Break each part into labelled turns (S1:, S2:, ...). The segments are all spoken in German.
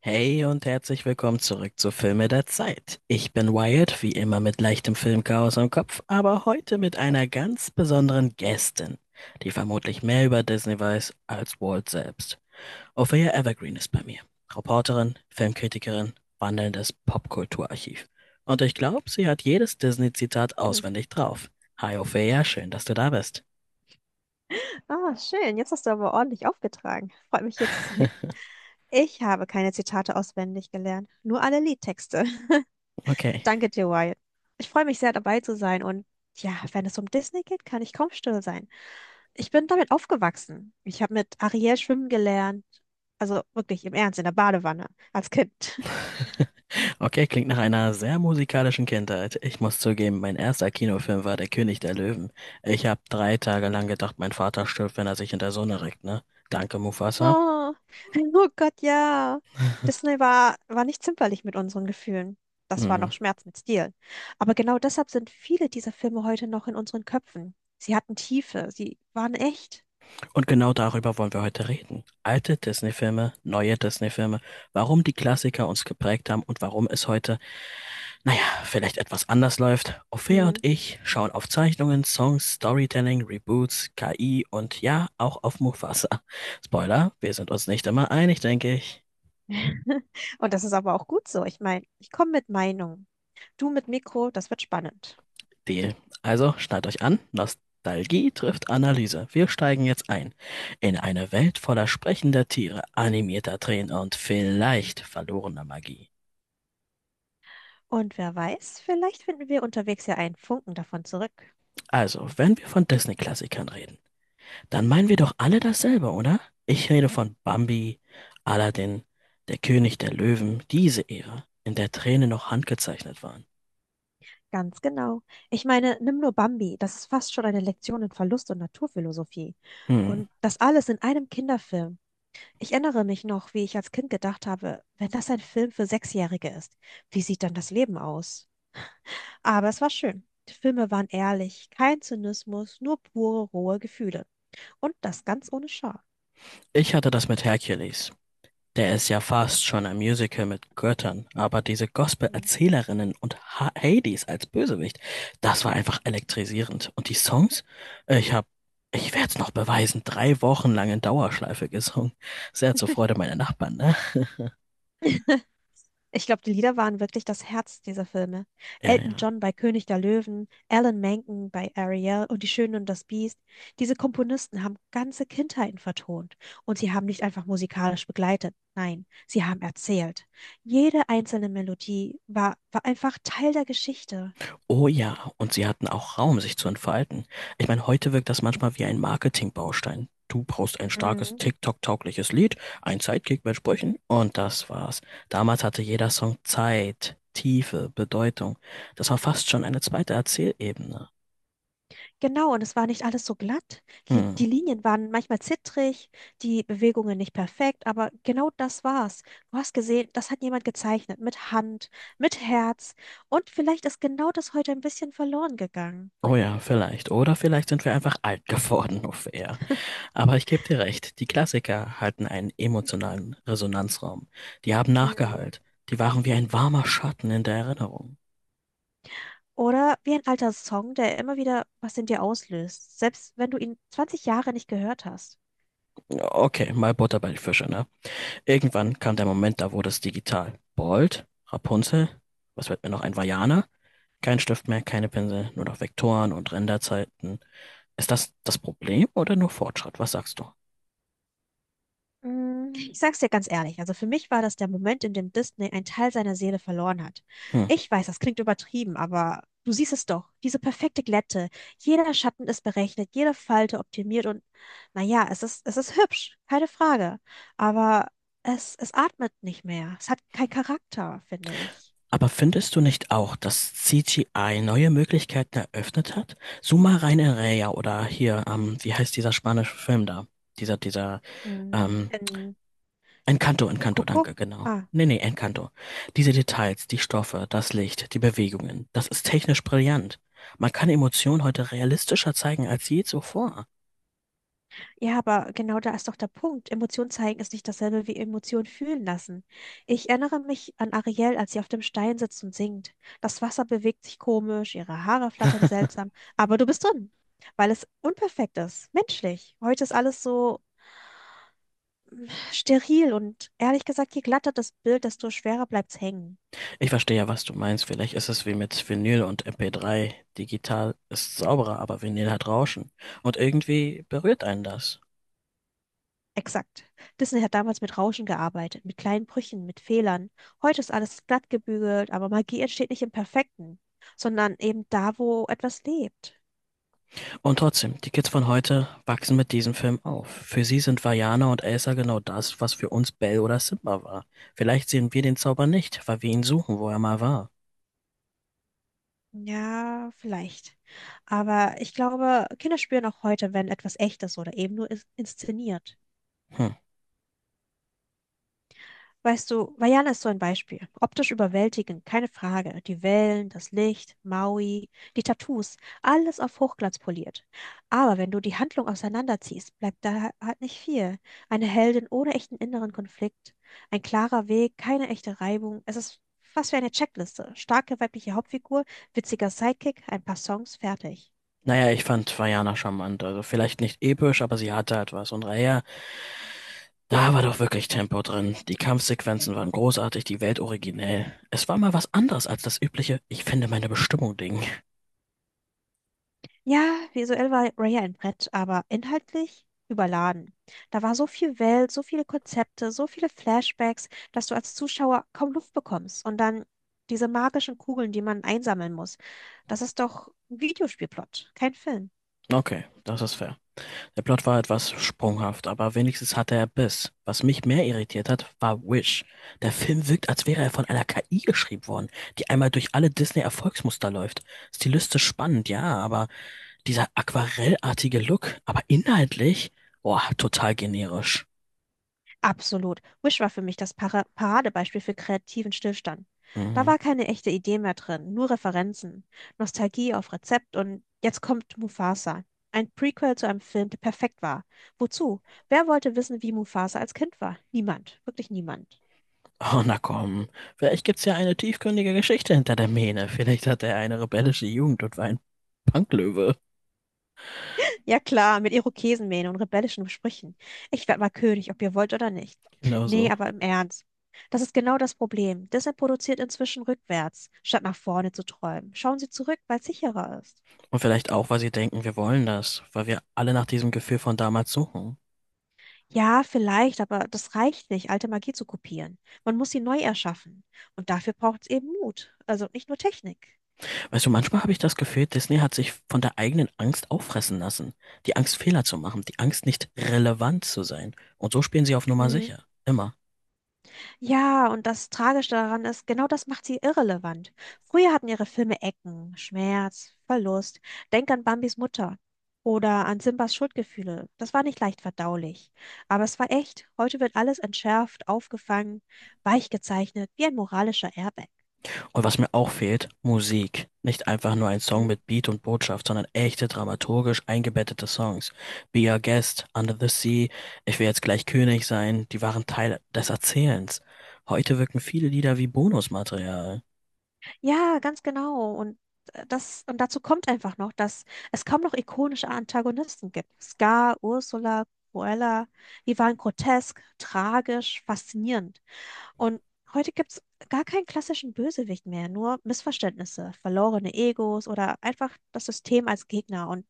S1: Hey und herzlich willkommen zurück zu Filme der Zeit. Ich bin Wyatt, wie immer mit leichtem Filmchaos im Kopf, aber heute mit einer ganz besonderen Gästin, die vermutlich mehr über Disney weiß als Walt selbst. Ophelia Evergreen ist bei mir. Reporterin, Filmkritikerin, wandelndes Popkulturarchiv. Und ich glaube, sie hat jedes Disney-Zitat
S2: Hm.
S1: auswendig drauf. Hi Ophelia, schön, dass du da bist.
S2: Ah, schön. Jetzt hast du aber ordentlich aufgetragen. Freut mich hier zu sein. Ich habe keine Zitate auswendig gelernt, nur alle Liedtexte.
S1: Okay,
S2: Danke dir, Wyatt. Ich freue mich sehr, dabei zu sein. Und ja, wenn es um Disney geht, kann ich kaum still sein. Ich bin damit aufgewachsen. Ich habe mit Ariel schwimmen gelernt. Also wirklich im Ernst, in der Badewanne als Kind.
S1: okay, klingt nach einer sehr musikalischen Kindheit. Ich muss zugeben, mein erster Kinofilm war Der König der Löwen. Ich habe drei Tage lang gedacht, mein Vater stirbt, wenn er sich in der Sonne regt, ne? Danke, Mufasa.
S2: Oh, oh Gott, ja. Disney war nicht zimperlich mit unseren Gefühlen. Das war
S1: Mhm.
S2: noch Schmerz mit Stil. Aber genau deshalb sind viele dieser Filme heute noch in unseren Köpfen. Sie hatten Tiefe, sie waren echt.
S1: Und genau darüber wollen wir heute reden. Alte Disney-Filme, neue Disney-Filme, warum die Klassiker uns geprägt haben und warum es heute, naja, vielleicht etwas anders läuft. Ophäa und
S2: Hm.
S1: ich schauen auf Zeichnungen, Songs, Storytelling, Reboots, KI und ja, auch auf Mufasa. Spoiler, wir sind uns nicht immer einig, denke ich.
S2: Und das ist aber auch gut so. Ich meine, ich komme mit Meinung. Du mit Mikro, das wird spannend.
S1: Deal. Also schnallt euch an, Nostalgie trifft Analyse. Wir steigen jetzt ein in eine Welt voller sprechender Tiere, animierter Tränen und vielleicht verlorener Magie.
S2: Und wer weiß, vielleicht finden wir unterwegs ja einen Funken davon zurück.
S1: Also, wenn wir von Disney-Klassikern reden, dann meinen wir doch alle dasselbe, oder? Ich rede von Bambi, Aladdin, Der König der Löwen, diese Ära, in der Tränen noch handgezeichnet waren.
S2: Ganz genau. Ich meine, nimm nur Bambi, das ist fast schon eine Lektion in Verlust und Naturphilosophie.
S1: Hm,
S2: Und das alles in einem Kinderfilm. Ich erinnere mich noch, wie ich als Kind gedacht habe, wenn das ein Film für Sechsjährige ist, wie sieht dann das Leben aus? Aber es war schön. Die Filme waren ehrlich, kein Zynismus, nur pure, rohe Gefühle. Und das ganz ohne Scham.
S1: ich hatte das mit Hercules. Der ist ja fast schon ein Musical mit Göttern, aber diese
S2: Hm.
S1: Gospel-Erzählerinnen und ha Hades als Bösewicht, das war einfach elektrisierend. Und die Songs? Ich hab, ich werd's noch beweisen, drei Wochen lang in Dauerschleife gesungen. Sehr zur Freude meiner Nachbarn, ne?
S2: Ich glaube, die Lieder waren wirklich das Herz dieser Filme.
S1: Ja,
S2: Elton
S1: ja.
S2: John bei König der Löwen, Alan Menken bei Ariel und Die Schöne und das Biest. Diese Komponisten haben ganze Kindheiten vertont und sie haben nicht einfach musikalisch begleitet, nein, sie haben erzählt. Jede einzelne Melodie war einfach Teil der Geschichte.
S1: Oh ja, und sie hatten auch Raum, sich zu entfalten. Ich meine, heute wirkt das manchmal wie ein Marketingbaustein. Du brauchst ein starkes
S2: Mhm.
S1: TikTok-taugliches Lied, ein Sidekick mit Sprüchen und das war's. Damals hatte jeder Song Zeit, Tiefe, Bedeutung. Das war fast schon eine zweite Erzählebene.
S2: Genau, und es war nicht alles so glatt. Die
S1: Hm.
S2: Linien waren manchmal zittrig, die Bewegungen nicht perfekt, aber genau das war's. Du hast gesehen, das hat jemand gezeichnet, mit Hand, mit Herz. Und vielleicht ist genau das heute ein bisschen verloren gegangen.
S1: Oh ja, vielleicht. Oder vielleicht sind wir einfach alt geworden, auf eher. Aber ich gebe dir recht, die Klassiker hatten einen emotionalen Resonanzraum. Die haben
S2: Mhm.
S1: nachgehallt. Die waren wie ein warmer Schatten in der Erinnerung.
S2: Oder wie ein alter Song, der immer wieder was in dir auslöst, selbst wenn du ihn 20 Jahre nicht gehört hast.
S1: Okay, mal Butter bei die Fische, ne? Irgendwann kam der Moment, da wurde es digital. Bold, Rapunzel, was wird mir noch ein Vajana? Kein Stift mehr, keine Pinsel, nur noch Vektoren und Renderzeiten. Ist das das Problem oder nur Fortschritt? Was sagst du?
S2: Ich sag's dir ganz ehrlich, also für mich war das der Moment, in dem Disney einen Teil seiner Seele verloren hat.
S1: Hm.
S2: Ich weiß, das klingt übertrieben, aber du siehst es doch, diese perfekte Glätte. Jeder Schatten ist berechnet, jede Falte optimiert und naja, es ist hübsch, keine Frage. Aber es atmet nicht mehr. Es hat keinen Charakter, finde ich.
S1: Aber findest du nicht auch, dass CGI neue Möglichkeiten eröffnet hat? Suma rein Raya oder hier, wie heißt dieser spanische Film da? Dieser, dieser,
S2: Mm,
S1: ähm,
S2: In
S1: Encanto, Encanto,
S2: Coco?
S1: danke, genau.
S2: Ah.
S1: Nee, nee, Encanto. Diese Details, die Stoffe, das Licht, die Bewegungen, das ist technisch brillant. Man kann Emotionen heute realistischer zeigen als je zuvor.
S2: Ja, aber genau da ist doch der Punkt. Emotion zeigen ist nicht dasselbe wie Emotion fühlen lassen. Ich erinnere mich an Ariel, als sie auf dem Stein sitzt und singt. Das Wasser bewegt sich komisch, ihre Haare flattern seltsam, aber du bist drin, weil es unperfekt ist, menschlich. Heute ist alles so steril und ehrlich gesagt, je glatter das Bild, desto schwerer bleibt's hängen.
S1: Ich verstehe ja, was du meinst. Vielleicht ist es wie mit Vinyl und MP3. Digital ist sauberer, aber Vinyl hat Rauschen. Und irgendwie berührt einen das.
S2: Exakt. Disney hat damals mit Rauschen gearbeitet, mit kleinen Brüchen, mit Fehlern. Heute ist alles glatt gebügelt, aber Magie entsteht nicht im Perfekten, sondern eben da, wo etwas lebt.
S1: Und trotzdem, die Kids von heute wachsen mit diesem Film auf. Für sie sind Vajana und Elsa genau das, was für uns Belle oder Simba war. Vielleicht sehen wir den Zauber nicht, weil wir ihn suchen, wo er mal war.
S2: Ja, vielleicht. Aber ich glaube, Kinder spüren auch heute, wenn etwas echt ist oder eben nur inszeniert.
S1: Hm.
S2: Weißt du, Vajana ist so ein Beispiel. Optisch überwältigend, keine Frage. Die Wellen, das Licht, Maui, die Tattoos, alles auf Hochglanz poliert. Aber wenn du die Handlung auseinanderziehst, bleibt da halt nicht viel. Eine Heldin ohne echten inneren Konflikt, ein klarer Weg, keine echte Reibung. Es ist fast wie eine Checkliste. Starke weibliche Hauptfigur, witziger Sidekick, ein paar Songs, fertig.
S1: Naja, ich fand Vajana charmant. Also vielleicht nicht episch, aber sie hatte halt was. Und Raya, da war doch wirklich Tempo drin. Die Kampfsequenzen waren großartig, die Welt originell. Es war mal was anderes als das übliche Ich finde meine Bestimmung Ding.
S2: Ja, visuell war Raya ein Brett, aber inhaltlich überladen. Da war so viel Welt, so viele Konzepte, so viele Flashbacks, dass du als Zuschauer kaum Luft bekommst. Und dann diese magischen Kugeln, die man einsammeln muss. Das ist doch ein Videospielplot, kein Film.
S1: Okay, das ist fair. Der Plot war etwas sprunghaft, aber wenigstens hatte er Biss. Was mich mehr irritiert hat, war Wish. Der Film wirkt, als wäre er von einer KI geschrieben worden, die einmal durch alle Disney-Erfolgsmuster läuft. Stilistisch spannend, ja, aber dieser aquarellartige Look, aber inhaltlich, boah, total generisch.
S2: Absolut. Wish war für mich das Paradebeispiel für kreativen Stillstand. Da
S1: Mhm.
S2: war keine echte Idee mehr drin, nur Referenzen, Nostalgie auf Rezept und jetzt kommt Mufasa. Ein Prequel zu einem Film, der perfekt war. Wozu? Wer wollte wissen, wie Mufasa als Kind war? Niemand. Wirklich niemand.
S1: Oh, na komm. Vielleicht gibt's ja eine tiefgründige Geschichte hinter der Mähne. Vielleicht hatte er eine rebellische Jugend und war ein Punklöwe.
S2: Ja klar, mit Irokesenmähne und rebellischen Sprüchen. Ich werd mal König, ob ihr wollt oder nicht.
S1: Genau
S2: Nee,
S1: so.
S2: aber im Ernst. Das ist genau das Problem. Disney produziert inzwischen rückwärts, statt nach vorne zu träumen. Schauen Sie zurück, weil es sicherer ist.
S1: Und vielleicht auch, weil sie denken, wir wollen das, weil wir alle nach diesem Gefühl von damals suchen.
S2: Ja, vielleicht, aber das reicht nicht, alte Magie zu kopieren. Man muss sie neu erschaffen. Und dafür braucht es eben Mut. Also nicht nur Technik.
S1: Weißt du, manchmal habe ich das Gefühl, Disney hat sich von der eigenen Angst auffressen lassen. Die Angst, Fehler zu machen, die Angst, nicht relevant zu sein. Und so spielen sie auf Nummer
S2: Hm.
S1: sicher. Immer.
S2: Ja, und das Tragische daran ist, genau das macht sie irrelevant. Früher hatten ihre Filme Ecken, Schmerz, Verlust. Denk an Bambis Mutter oder an Simbas Schuldgefühle. Das war nicht leicht verdaulich. Aber es war echt. Heute wird alles entschärft, aufgefangen, weich gezeichnet, wie ein moralischer Airbag.
S1: Und was mir auch fehlt, Musik. Nicht einfach nur ein Song mit Beat und Botschaft, sondern echte dramaturgisch eingebettete Songs. Be Our Guest, Under the Sea, Ich will jetzt gleich König sein, die waren Teil des Erzählens. Heute wirken viele Lieder wie Bonusmaterial.
S2: Ja, ganz genau. Und dazu kommt einfach noch, dass es kaum noch ikonische Antagonisten gibt. Scar, Ursula, Cruella, die waren grotesk, tragisch, faszinierend. Und heute gibt es gar keinen klassischen Bösewicht mehr, nur Missverständnisse, verlorene Egos oder einfach das System als Gegner. Und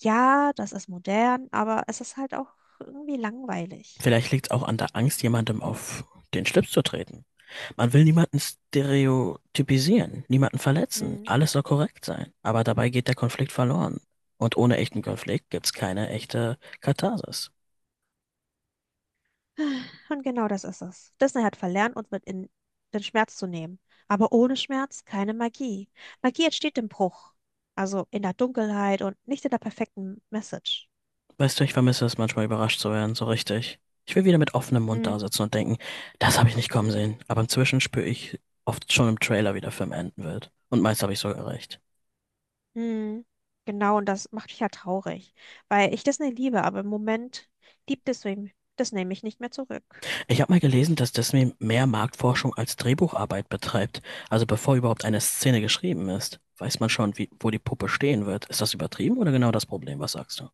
S2: ja, das ist modern, aber es ist halt auch irgendwie langweilig.
S1: Vielleicht liegt es auch an der Angst, jemandem auf den Schlips zu treten. Man will niemanden stereotypisieren, niemanden verletzen.
S2: Mhm.
S1: Alles soll korrekt sein. Aber dabei geht der Konflikt verloren. Und ohne echten Konflikt gibt's keine echte Katharsis.
S2: Und genau das ist es. Disney hat verlernt, uns mit in den Schmerz zu nehmen. Aber ohne Schmerz keine Magie. Magie entsteht im Bruch. Also in der Dunkelheit und nicht in der perfekten Message.
S1: Weißt du, ich vermisse es manchmal überrascht zu werden, so richtig. Ich will wieder mit offenem Mund
S2: Hm,
S1: da sitzen und denken, das habe ich nicht kommen sehen. Aber inzwischen spüre ich oft schon im Trailer, wie der Film enden wird. Und meist habe ich sogar recht.
S2: hm. Genau, und das macht mich ja traurig. Weil ich Disney liebe, aber im Moment liebt Disney mich nicht mehr zurück.
S1: Ich habe mal gelesen, dass Disney mehr Marktforschung als Drehbucharbeit betreibt. Also bevor überhaupt eine Szene geschrieben ist, weiß man schon, wie, wo die Puppe stehen wird. Ist das übertrieben oder genau das Problem? Was sagst du?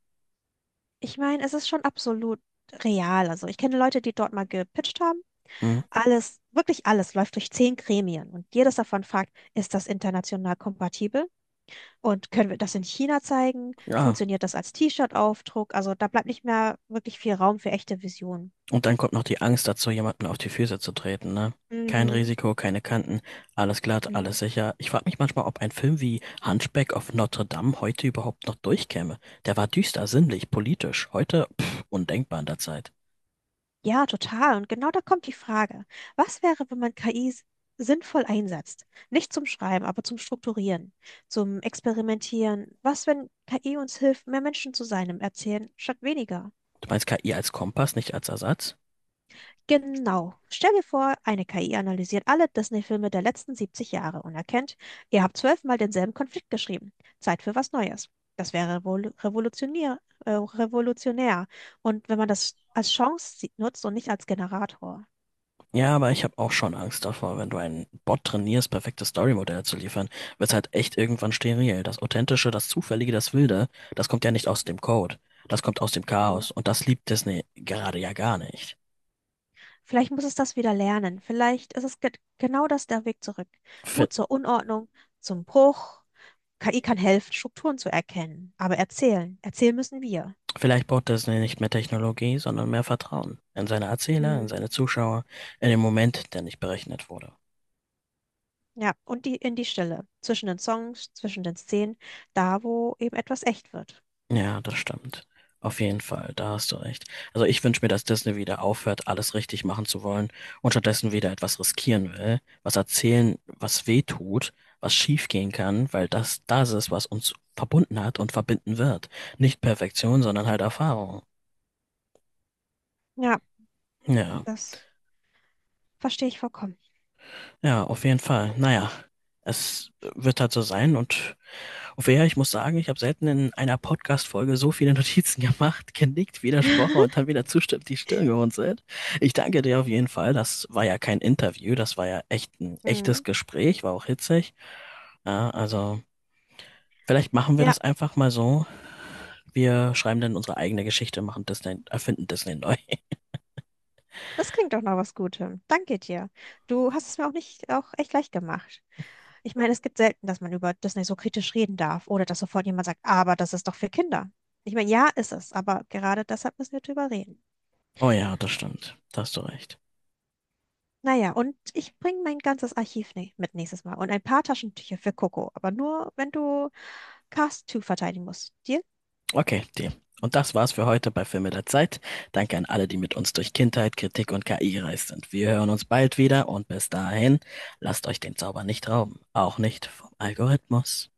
S2: Ich meine, es ist schon absolut real. Also ich kenne Leute, die dort mal gepitcht haben.
S1: Hm?
S2: Alles, wirklich alles läuft durch 10 Gremien. Und jedes davon fragt, ist das international kompatibel? Und können wir das in China zeigen?
S1: Ja,
S2: Funktioniert das als T-Shirt-Aufdruck? Also da bleibt nicht mehr wirklich viel Raum für echte Visionen.
S1: und dann kommt noch die Angst dazu, jemanden auf die Füße zu treten, ne? Kein
S2: Mhm.
S1: Risiko, keine Kanten, alles glatt, alles
S2: Mhm.
S1: sicher. Ich frage mich manchmal, ob ein Film wie Hunchback of Notre Dame heute überhaupt noch durchkäme. Der war düster, sinnlich, politisch. Heute, pff, undenkbar in der Zeit.
S2: Ja, total. Und genau da kommt die Frage. Was wäre, wenn man KI sinnvoll einsetzt? Nicht zum Schreiben, aber zum Strukturieren, zum Experimentieren. Was, wenn KI uns hilft, mehr Menschen zu sein im Erzählen statt weniger?
S1: Du meinst KI als Kompass, nicht als Ersatz?
S2: Genau. Stell dir vor, eine KI analysiert alle Disney-Filme der letzten 70 Jahre und erkennt, ihr habt zwölfmal denselben Konflikt geschrieben. Zeit für was Neues. Das wäre revolutionär, äh, revolutionär. Und wenn man das als Chance nutzt und nicht als Generator.
S1: Ja, aber ich habe auch schon Angst davor, wenn du einen Bot trainierst, perfekte Storymodelle zu liefern, wird's halt echt irgendwann steril. Das Authentische, das Zufällige, das Wilde, das kommt ja nicht aus dem Code. Das kommt aus dem
S2: Mhm.
S1: Chaos. Und das liebt Disney gerade ja gar nicht.
S2: Vielleicht muss es das wieder lernen. Vielleicht ist es ge genau das der Weg zurück.
S1: V-
S2: Mut zur Unordnung, zum Bruch. KI kann helfen, Strukturen zu erkennen. Aber erzählen, erzählen müssen wir.
S1: Vielleicht braucht Disney nicht mehr Technologie, sondern mehr Vertrauen in seine Erzähler, in seine Zuschauer, in den Moment, der nicht berechnet wurde.
S2: Ja, und die in die Stille, zwischen den Songs, zwischen den Szenen, da wo eben etwas echt wird.
S1: Ja, das stimmt. Auf jeden Fall, da hast du recht. Also ich wünsche mir, dass Disney wieder aufhört, alles richtig machen zu wollen und stattdessen wieder etwas riskieren will, was erzählen, was weh tut, was schief gehen kann, weil das das ist, was uns verbunden hat und verbinden wird. Nicht Perfektion, sondern halt Erfahrung.
S2: Ja,
S1: Ja,
S2: das verstehe ich vollkommen.
S1: ja, auf jeden Fall. Naja, es wird halt so sein und auf jeden Fall, ich muss sagen, ich habe selten in einer Podcast-Folge so viele Notizen gemacht, genickt, widersprochen und dann wieder zustimmt, die Stirn gerunzelt. Ich danke dir auf jeden Fall. Das war ja kein Interview, das war ja echt ein
S2: Hm.
S1: echtes Gespräch, war auch hitzig. Ja, also vielleicht machen wir
S2: Ja,
S1: das einfach mal so. Wir schreiben dann unsere eigene Geschichte, machen Disney, erfinden Disney neu.
S2: das klingt doch nach was Gutem. Danke dir. Du hast es mir auch nicht auch echt leicht gemacht. Ich meine, es gibt selten, dass man über Disney so kritisch reden darf oder dass sofort jemand sagt, aber das ist doch für Kinder. Ich meine, ja, ist es, aber gerade deshalb müssen wir drüber reden.
S1: Oh ja, das stimmt. Da hast du recht.
S2: Naja, und ich bringe mein ganzes Archiv ne mit nächstes Mal und ein paar Taschentücher für Coco, aber nur, wenn du Cast 2 verteidigen musst. Deal?
S1: Okay, die. Und das war's für heute bei Filme der Zeit. Danke an alle, die mit uns durch Kindheit, Kritik und KI gereist sind. Wir hören uns bald wieder und bis dahin, lasst euch den Zauber nicht rauben, auch nicht vom Algorithmus.